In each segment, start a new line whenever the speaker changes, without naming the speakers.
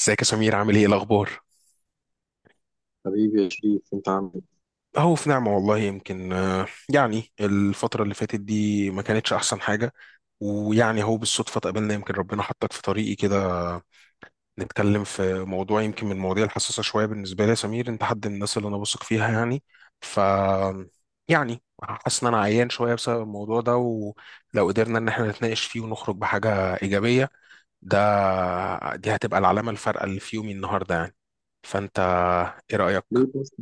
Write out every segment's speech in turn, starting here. ازيك يا سمير؟ عامل ايه الاخبار؟
حبيبي يا شريف، انت عامل ايه؟
اهو في نعمه والله. يمكن يعني الفتره اللي فاتت دي ما كانتش احسن حاجه. ويعني اهو بالصدفه اتقابلنا، يمكن ربنا حطك في طريقي كده. نتكلم في موضوع يمكن من المواضيع الحساسه شويه بالنسبه لي. يا سمير، انت حد من الناس اللي انا بثق فيها يعني. ف يعني حاسس ان انا عيان شويه بسبب الموضوع ده، ولو قدرنا ان احنا نتناقش فيه ونخرج بحاجه ايجابيه، ده دي هتبقى العلامه الفارقه اللي في يومي النهارده يعني. فانت ايه رايك؟
ليه بس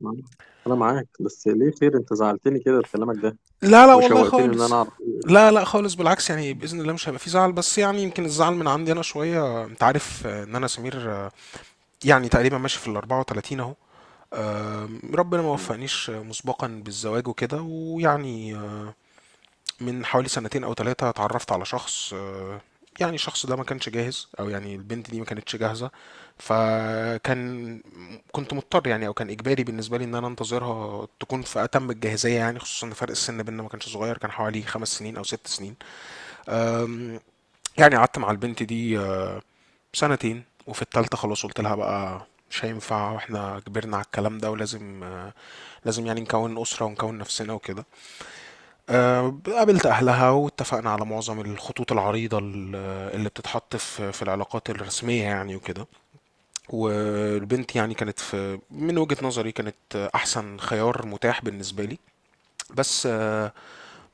معاك؟ انا معاك، بس ليه خير؟ انت زعلتني كده بكلامك ده
لا لا والله
وشوقتني ان
خالص.
انا اعرف ايه.
لا لا خالص بالعكس. يعني بإذن الله مش هيبقى في زعل، بس يعني يمكن الزعل من عندي أنا شوية. أنت عارف إن أنا سمير يعني تقريبا ماشي في ال 34 أهو. ربنا ما
إيه.
وفقنيش مسبقا بالزواج وكده، ويعني من حوالي سنتين او ثلاثة اتعرفت على شخص يعني الشخص ده ما كانش جاهز، او يعني البنت دي ما كانتش جاهزة. فكان كنت مضطر يعني، او كان اجباري بالنسبة لي ان انا انتظرها تكون في اتم الجاهزية، يعني خصوصا ان فرق السن بيننا ما كانش صغير، كان حوالي 5 سنين او 6 سنين. آم، يعني قعدت مع البنت دي سنتين، وفي التالتة خلاص قلت لها بقى مش هينفع، واحنا كبرنا على الكلام ده، ولازم آه، لازم يعني نكون أسرة ونكون نفسنا وكده. قابلت أهلها واتفقنا على معظم الخطوط العريضة اللي بتتحط في العلاقات الرسمية يعني وكده. والبنت يعني كانت في، من وجهة نظري كانت أحسن خيار متاح بالنسبة لي. بس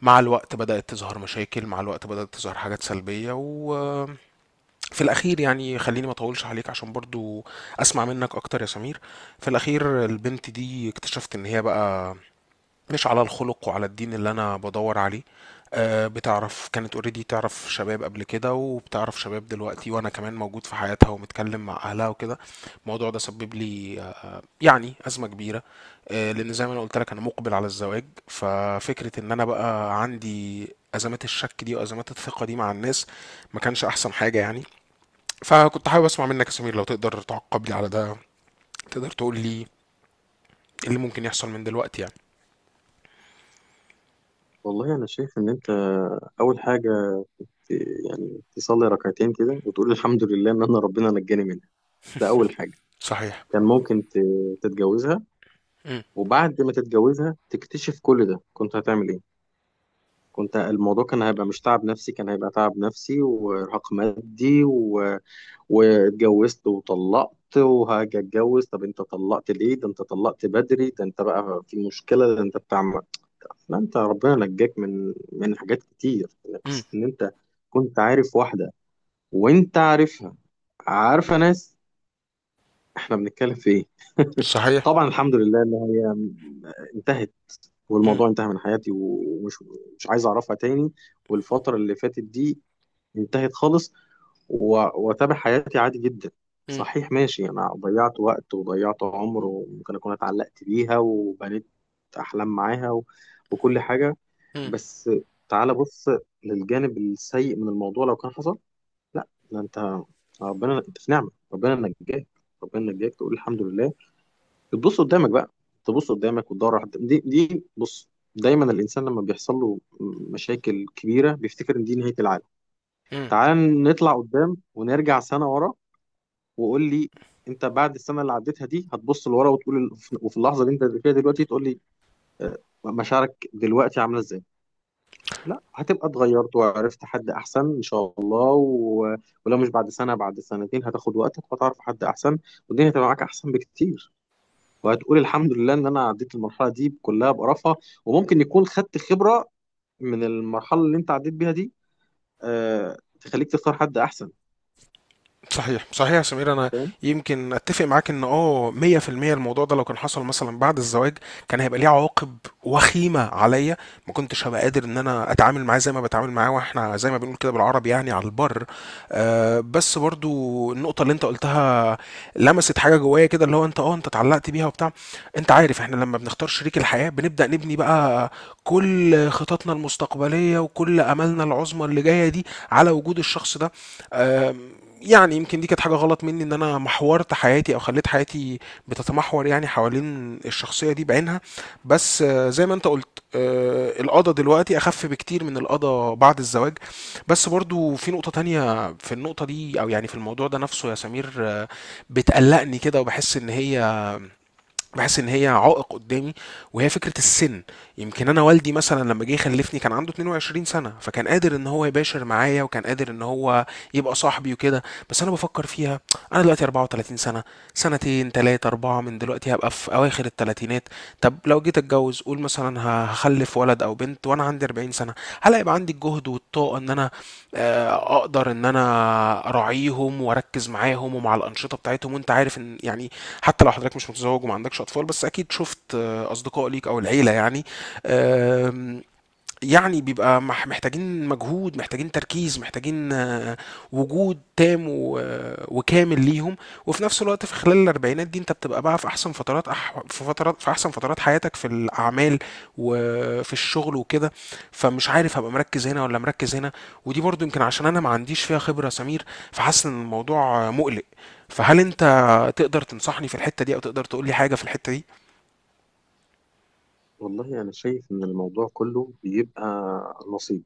مع الوقت بدأت تظهر مشاكل، مع الوقت بدأت تظهر حاجات سلبية، وفي الأخير يعني خليني ما أطولش عليك عشان برضو أسمع منك أكتر يا سمير. في الأخير البنت دي اكتشفت إن هي بقى مش على الخلق وعلى الدين اللي انا بدور عليه. بتعرف كانت اوريدي، تعرف شباب قبل كده وبتعرف شباب دلوقتي وانا كمان موجود في حياتها ومتكلم مع اهلها وكده. الموضوع ده سبب لي يعني ازمه كبيره لان زي ما انا قلت لك انا مقبل على الزواج، ففكره ان انا بقى عندي ازمات الشك دي وازمات الثقه دي مع الناس، ما كانش احسن حاجه يعني. فكنت حابب اسمع منك يا سمير لو تقدر تعقب لي على ده. تقدر تقول لي ايه اللي ممكن يحصل من دلوقتي يعني؟
والله انا شايف ان انت اول حاجه، ت- يعني تصلي ركعتين كده وتقول الحمد لله ان انا ربنا نجاني منها. ده اول حاجه.
صحيح.
كان ممكن تتجوزها
امم.
وبعد ما تتجوزها تكتشف كل ده، كنت هتعمل ايه؟ كنت الموضوع كان هيبقى مش تعب نفسي، كان هيبقى تعب نفسي وارهاق مادي، واتجوزت وطلقت وهاجي اتجوز. طب انت طلقت ليه؟ ده انت طلقت بدري، ده انت بقى في مشكلة، ده انت بتعمل. لا، انت ربنا نجاك من حاجات كتير. يعني
امم.
قصة ان انت كنت عارف واحدة، وانت عارفها، عارفة ناس، احنا بنتكلم في ايه؟
صحيح.
طبعا الحمد لله ان هي انتهت،
إمم.
والموضوع انتهى من حياتي، ومش مش عايز اعرفها تاني، والفترة اللي فاتت دي انتهت خالص، و- واتابع حياتي عادي جدا.
إمم.
صحيح، ماشي، انا ضيعت وقت وضيعت عمر، وممكن اكون اتعلقت بيها وبنيت احلام معاها وكل حاجه،
إمم.
بس تعال بص للجانب السيء من الموضوع لو كان حصل. لا، ده انت ربنا، انت في نعمه، ربنا نجاك، ربنا نجاك، تقول الحمد لله. تبص قدامك بقى، تبص قدامك وتدور على- حد. دي بص، دايما الانسان لما بيحصل له مشاكل كبيره بيفتكر ان دي نهايه العالم.
إمم.
تعال نطلع قدام، ونرجع سنه ورا، وقول لي، انت بعد السنه اللي عديتها دي هتبص لورا وتقول وفي اللحظه اللي انت فيها دلوقتي تقول لي آه، مشاعرك دلوقتي عامله ازاي. لا، هتبقى اتغيرت وعرفت حد احسن ان شاء الله، ولو مش بعد سنه بعد سنتين، هتاخد وقتك وهتعرف حد احسن، والدنيا هتبقى معاك احسن بكتير، وهتقول الحمد لله ان انا عديت المرحله دي كلها بقرفها، وممكن يكون خدت خبره من المرحله اللي انت عديت بيها دي تخليك تختار حد احسن،
صحيح صحيح يا سمير. انا
فاهم.
يمكن اتفق معاك ان 100% الموضوع ده لو كان حصل مثلا بعد الزواج كان هيبقى ليه عواقب وخيمه عليا. ما كنتش هبقى قادر ان انا اتعامل معاه زي ما بتعامل معاه واحنا، زي ما بنقول كده بالعربي، يعني على البر. آه بس برضو النقطه اللي انت قلتها لمست حاجه جوايا كده، اللي هو انت اتعلقت بيها وبتاع. انت عارف احنا لما بنختار شريك الحياه بنبدا نبني بقى كل خططنا المستقبليه وكل املنا العظمى اللي جايه دي على وجود الشخص ده. آه يعني يمكن دي كانت حاجة غلط مني، إن أنا محورت حياتي، أو خليت حياتي بتتمحور يعني حوالين الشخصية دي بعينها. بس زي ما أنت قلت القضا دلوقتي أخف بكتير من القضا بعد الزواج. بس برضو في نقطة تانية، في النقطة دي أو يعني في الموضوع ده نفسه يا سمير بتقلقني كده وبحس إن هي بحس ان هي عائق قدامي، وهي فكره السن. يمكن انا والدي مثلا لما جه يخلفني كان عنده 22 سنه، فكان قادر ان هو يباشر معايا، وكان قادر ان هو يبقى صاحبي وكده. بس انا بفكر فيها، انا دلوقتي 34 سنه، سنتين تلاتة أربعة من دلوقتي هبقى في أواخر التلاتينات. طب لو جيت أتجوز، قول مثلا هخلف ولد أو بنت وأنا عندي 40 سنة، هل هيبقى عندي الجهد والطاقة إن أنا اقدر ان انا اراعيهم واركز معاهم ومع الانشطه بتاعتهم؟ وانت عارف ان يعني حتى لو حضرتك مش متزوج وما عندكش اطفال، بس اكيد شفت اصدقاء ليك او العيله يعني. آم، يعني بيبقى محتاجين مجهود، محتاجين تركيز، محتاجين وجود تام وكامل ليهم. وفي نفس الوقت في خلال الاربعينات دي انت بتبقى بقى في احسن فترات أح... في فترات في احسن فترات حياتك في الاعمال وفي الشغل وكده. فمش عارف هبقى مركز هنا ولا مركز هنا. ودي برضو يمكن عشان انا ما عنديش فيها خبرة يا سمير. فحاسس ان الموضوع مقلق. فهل انت تقدر تنصحني في الحتة دي او تقدر تقول لي حاجة في الحتة دي؟
والله انا شايف ان الموضوع كله بيبقى نصيب.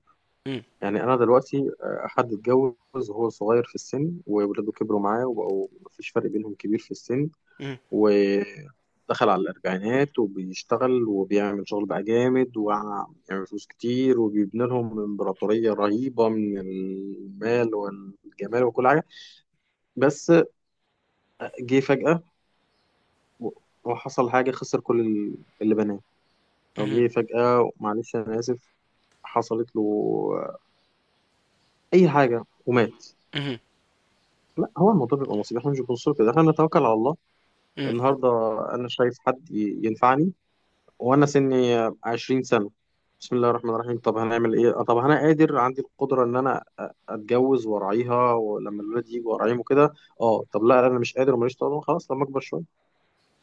مم.
يعني انا دلوقتي حد اتجوز وهو صغير في السن وولاده كبروا معاه وبقوا مفيش فرق بينهم كبير في السن،
مم.
ودخل على الاربعينات، وبيشتغل وبيعمل شغل بقى جامد ويعمل فلوس كتير، وبيبني لهم امبراطورية رهيبة من المال والجمال وكل حاجة. بس جه فجأة و- وحصل حاجة، خسر كل اللي بناه. أو
مم.
جه فجأة، معلش أنا آسف، حصلت له آه، أي حاجة ومات.
مم.
لا، هو الموضوع بيبقى نصيب. احنا مش بنبص كده، احنا بنتوكل على الله.
مم.
النهارده انا شايف حد ينفعني وانا سني 20 سنه، بسم الله الرحمن الرحيم، طب هنعمل ايه؟ طب انا قادر، عندي القدره ان انا اتجوز وارعيها ولما الولاد يجوا وارعيهم وكده. اه، طب لا، انا مش قادر وماليش طاقه، خلاص لما اكبر شويه،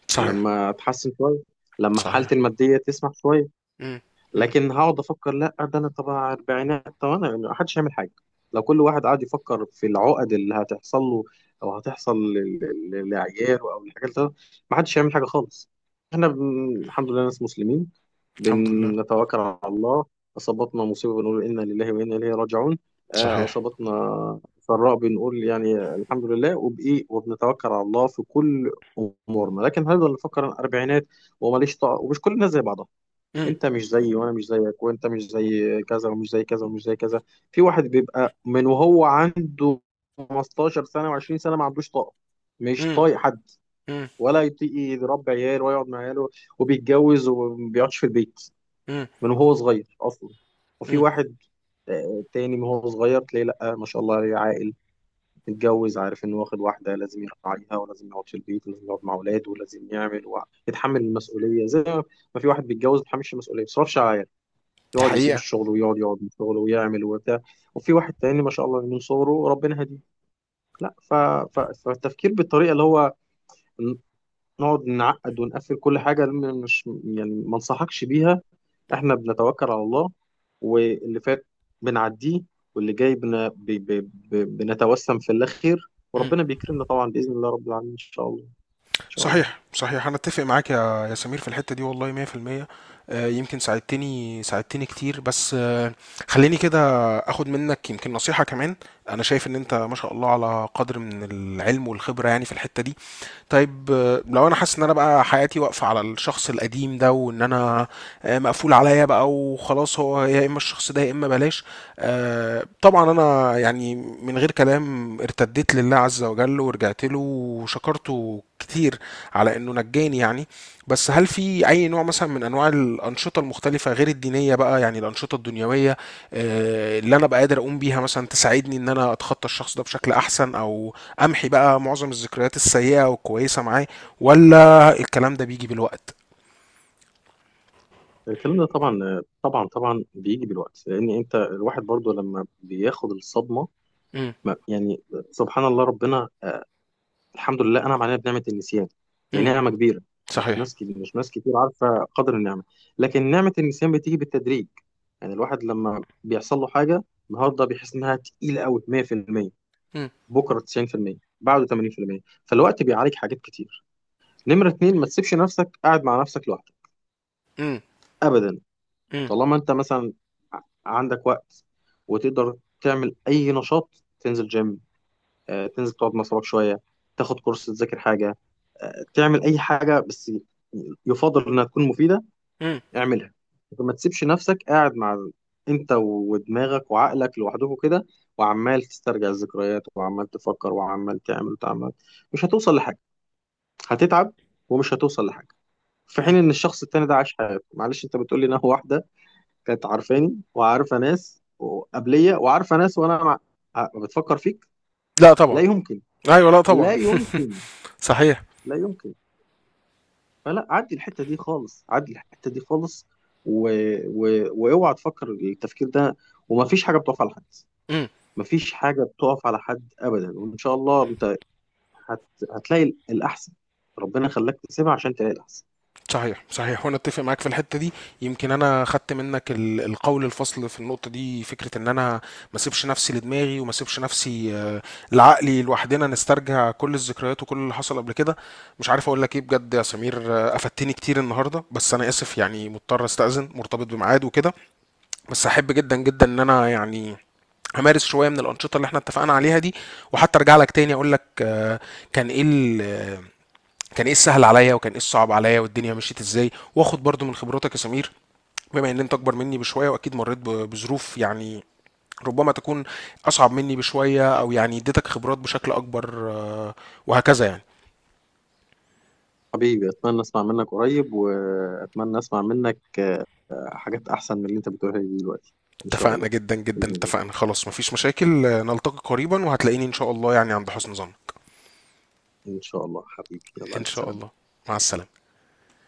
صحيح
لما اتحسن شويه، لما حالتي
صحيح.
الماديه تسمح شويه.
إمم. إمم.
لكن هقعد افكر؟ لا، ده انا طبعا اربعينات، طب انا يعني محدش هيعمل حاجه. لو كل واحد قعد يفكر في العقد اللي هتحصل له او هتحصل لعياله او الحاجات دي، محدش هيعمل حاجه خالص. احنا الحمد لله ناس مسلمين،
الحمد لله.
بنتوكل على الله. اصابتنا مصيبه بنقول انا لله وانا اليه راجعون.
صحيح.
اصابتنا سراء بنقول يعني الحمد لله، وبايه، وبنتوكل على الله في كل امورنا. لكن هنفضل نفكر أنا اربعينات وماليش طاقه؟ ومش كل الناس زي بعضها.
إمم.
انت مش زيي، وانا مش زيك، وانت مش زي كذا ومش زي كذا ومش زي كذا. في واحد بيبقى من وهو عنده 15 سنه و20 سنه ما عندوش طاقه، مش
إمم.
طايق حد،
إمم.
ولا يطيق يربي عيال، ولا يقعد مع عياله، وبيتجوز وما بيقعدش في البيت
إمم.
من وهو صغير اصلا. وفي
إمم.
واحد تاني من وهو صغير تلاقيه، لا ما شاء الله عليه عاقل، متجوز، عارف انه واخد واحده لازم يراعيها، ولازم يقعد في البيت، ولازم يقعد مع اولاده، ولازم يعمل ويتحمل المسؤوليه زي ما. ما في واحد بيتجوز ما بيتحملش المسؤوليه، ما بيصرفش على،
دي
يقعد يسيب
حقيقة.
الشغل، ويقعد من شغله ويعمل وبتاع. وفي واحد تاني ما شاء الله من صغره ربنا هديه. لا، ف... فالتفكير بالطريقه اللي هو ن- نقعد نعقد ونقفل كل حاجه، مش يعني ما انصحكش بيها. احنا بنتوكل على الله، واللي فات بنعديه، واللي جاي بن... ب... ب... ب... بنتوسم في الله خير،
إمم.
وربنا بيكرمنا طبعا باذن الله رب العالمين ان شاء الله. ان شاء الله.
صحيح، صحيح، أنا أتّفق معاك يا يا سمير في الحتّة دي والله 100%. يمكن ساعدتني كتير، بس خلّيني كده آخُد منّك يمكن نصيحة كمان. أنا شايف إن أنت ما شاء الله على قدْر من العلم والخبرة يعني في الحتّة دي. طيب لو انا حاسس ان انا بقى حياتي واقفه على الشخص القديم ده، وان انا مقفول عليا بقى وخلاص، هو يا اما الشخص ده يا اما بلاش. طبعا انا يعني من غير كلام ارتديت لله عز وجل ورجعت له وشكرته كتير على انه نجاني يعني. بس هل في اي نوع مثلا من انواع الانشطه المختلفه غير الدينيه، بقى يعني الانشطه الدنيويه اللي انا بقى قادر اقوم بيها مثلا تساعدني ان انا اتخطى الشخص ده بشكل احسن، او امحي بقى معظم الذكريات السيئة والكويسة معاه؟ ولا الكلام ده بيجي بالوقت؟
الكلام ده طبعا طبعا طبعا بيجي بالوقت، لان انت الواحد برضو لما بياخد الصدمه،
امم.
يعني سبحان الله، ربنا الحمد لله انعم علينا بنعمه النسيان، دي
امم.
نعمه كبيره. مش
صحيح.
ناس كتير، مش ناس كتير عارفه قدر النعمه، لكن نعمه النسيان بتيجي بالتدريج. يعني الواحد لما بيحصل له حاجه النهارده بيحس انها تقيله قوي 100%،
امم.
بكره 90%، بعده 80%، فالوقت بيعالج حاجات كتير. نمره اتنين، ما تسيبش نفسك قاعد مع نفسك لوحدك
امم.
ابدا. طالما انت مثلا عندك وقت، وتقدر تعمل اي نشاط، تنزل جيم، تنزل تقعد مع صحابك شويه، تاخد كورس، تذاكر حاجه، تعمل اي حاجه بس يفضل انها تكون مفيده،
امم.
اعملها. ما تسيبش نفسك قاعد مع انت ودماغك وعقلك لوحدكم كده، وعمال تسترجع الذكريات وعمال تفكر وعمال تعمل وتعمل. مش هتوصل لحاجه، هتتعب ومش هتوصل لحاجه. في حين
امم.
ان الشخص التاني ده عاش حياته، معلش انت بتقول لي ان هو واحده كانت عارفاني وعارفه ناس قبليه وعارفه ناس، وانا مع... آه، بتفكر فيك؟
لا
لا
طبعا.
يمكن،
ايوه لا
لا
طبعا.
يمكن،
صحيح.
لا يمكن. فلا، عدي الحته دي خالص، عدي الحته دي خالص، و... واوعى تفكر التفكير ده. وما فيش حاجه بتقف على حد،
امم.
ما فيش حاجه بتقف على حد ابدا، وان شاء الله انت هت... هتلاقي الاحسن. ربنا خلاك تسيبها عشان تلاقي الاحسن.
صحيح صحيح وانا اتفق معاك في الحته دي. يمكن انا خدت منك القول الفصل في النقطه دي، فكره ان انا ما اسيبش نفسي لدماغي، وما اسيبش نفسي لعقلي لوحدنا نسترجع كل الذكريات وكل اللي حصل قبل كده. مش عارف اقول لك ايه بجد يا سمير افدتني كتير النهارده. بس انا اسف يعني، مضطر استاذن، مرتبط بميعاد وكده. بس احب جدا جدا ان انا يعني همارس شويه من الانشطه اللي احنا اتفقنا عليها دي. وحتى ارجع لك تاني اقول لك كان ايه ال- كان ايه السهل عليا، وكان ايه الصعب عليا، والدنيا مشيت ازاي. واخد برضو من خبراتك يا سمير، بما ان انت اكبر مني بشويه، واكيد مريت بظروف يعني ربما تكون اصعب مني بشويه، او يعني اديتك خبرات بشكل اكبر وهكذا يعني.
حبيبي، اتمنى اسمع منك قريب، واتمنى اسمع منك حاجات احسن من اللي انت بتقولها لي دلوقتي ان شاء
اتفقنا
الله.
جدا جدا،
باذن الله،
اتفقنا خلاص مفيش مشاكل نلتقي قريبا، وهتلاقيني ان شاء الله يعني عند حسن ظن.
ان شاء الله حبيبي، يلا
ان
الف
شاء
سلامه.
الله. مع السلامه.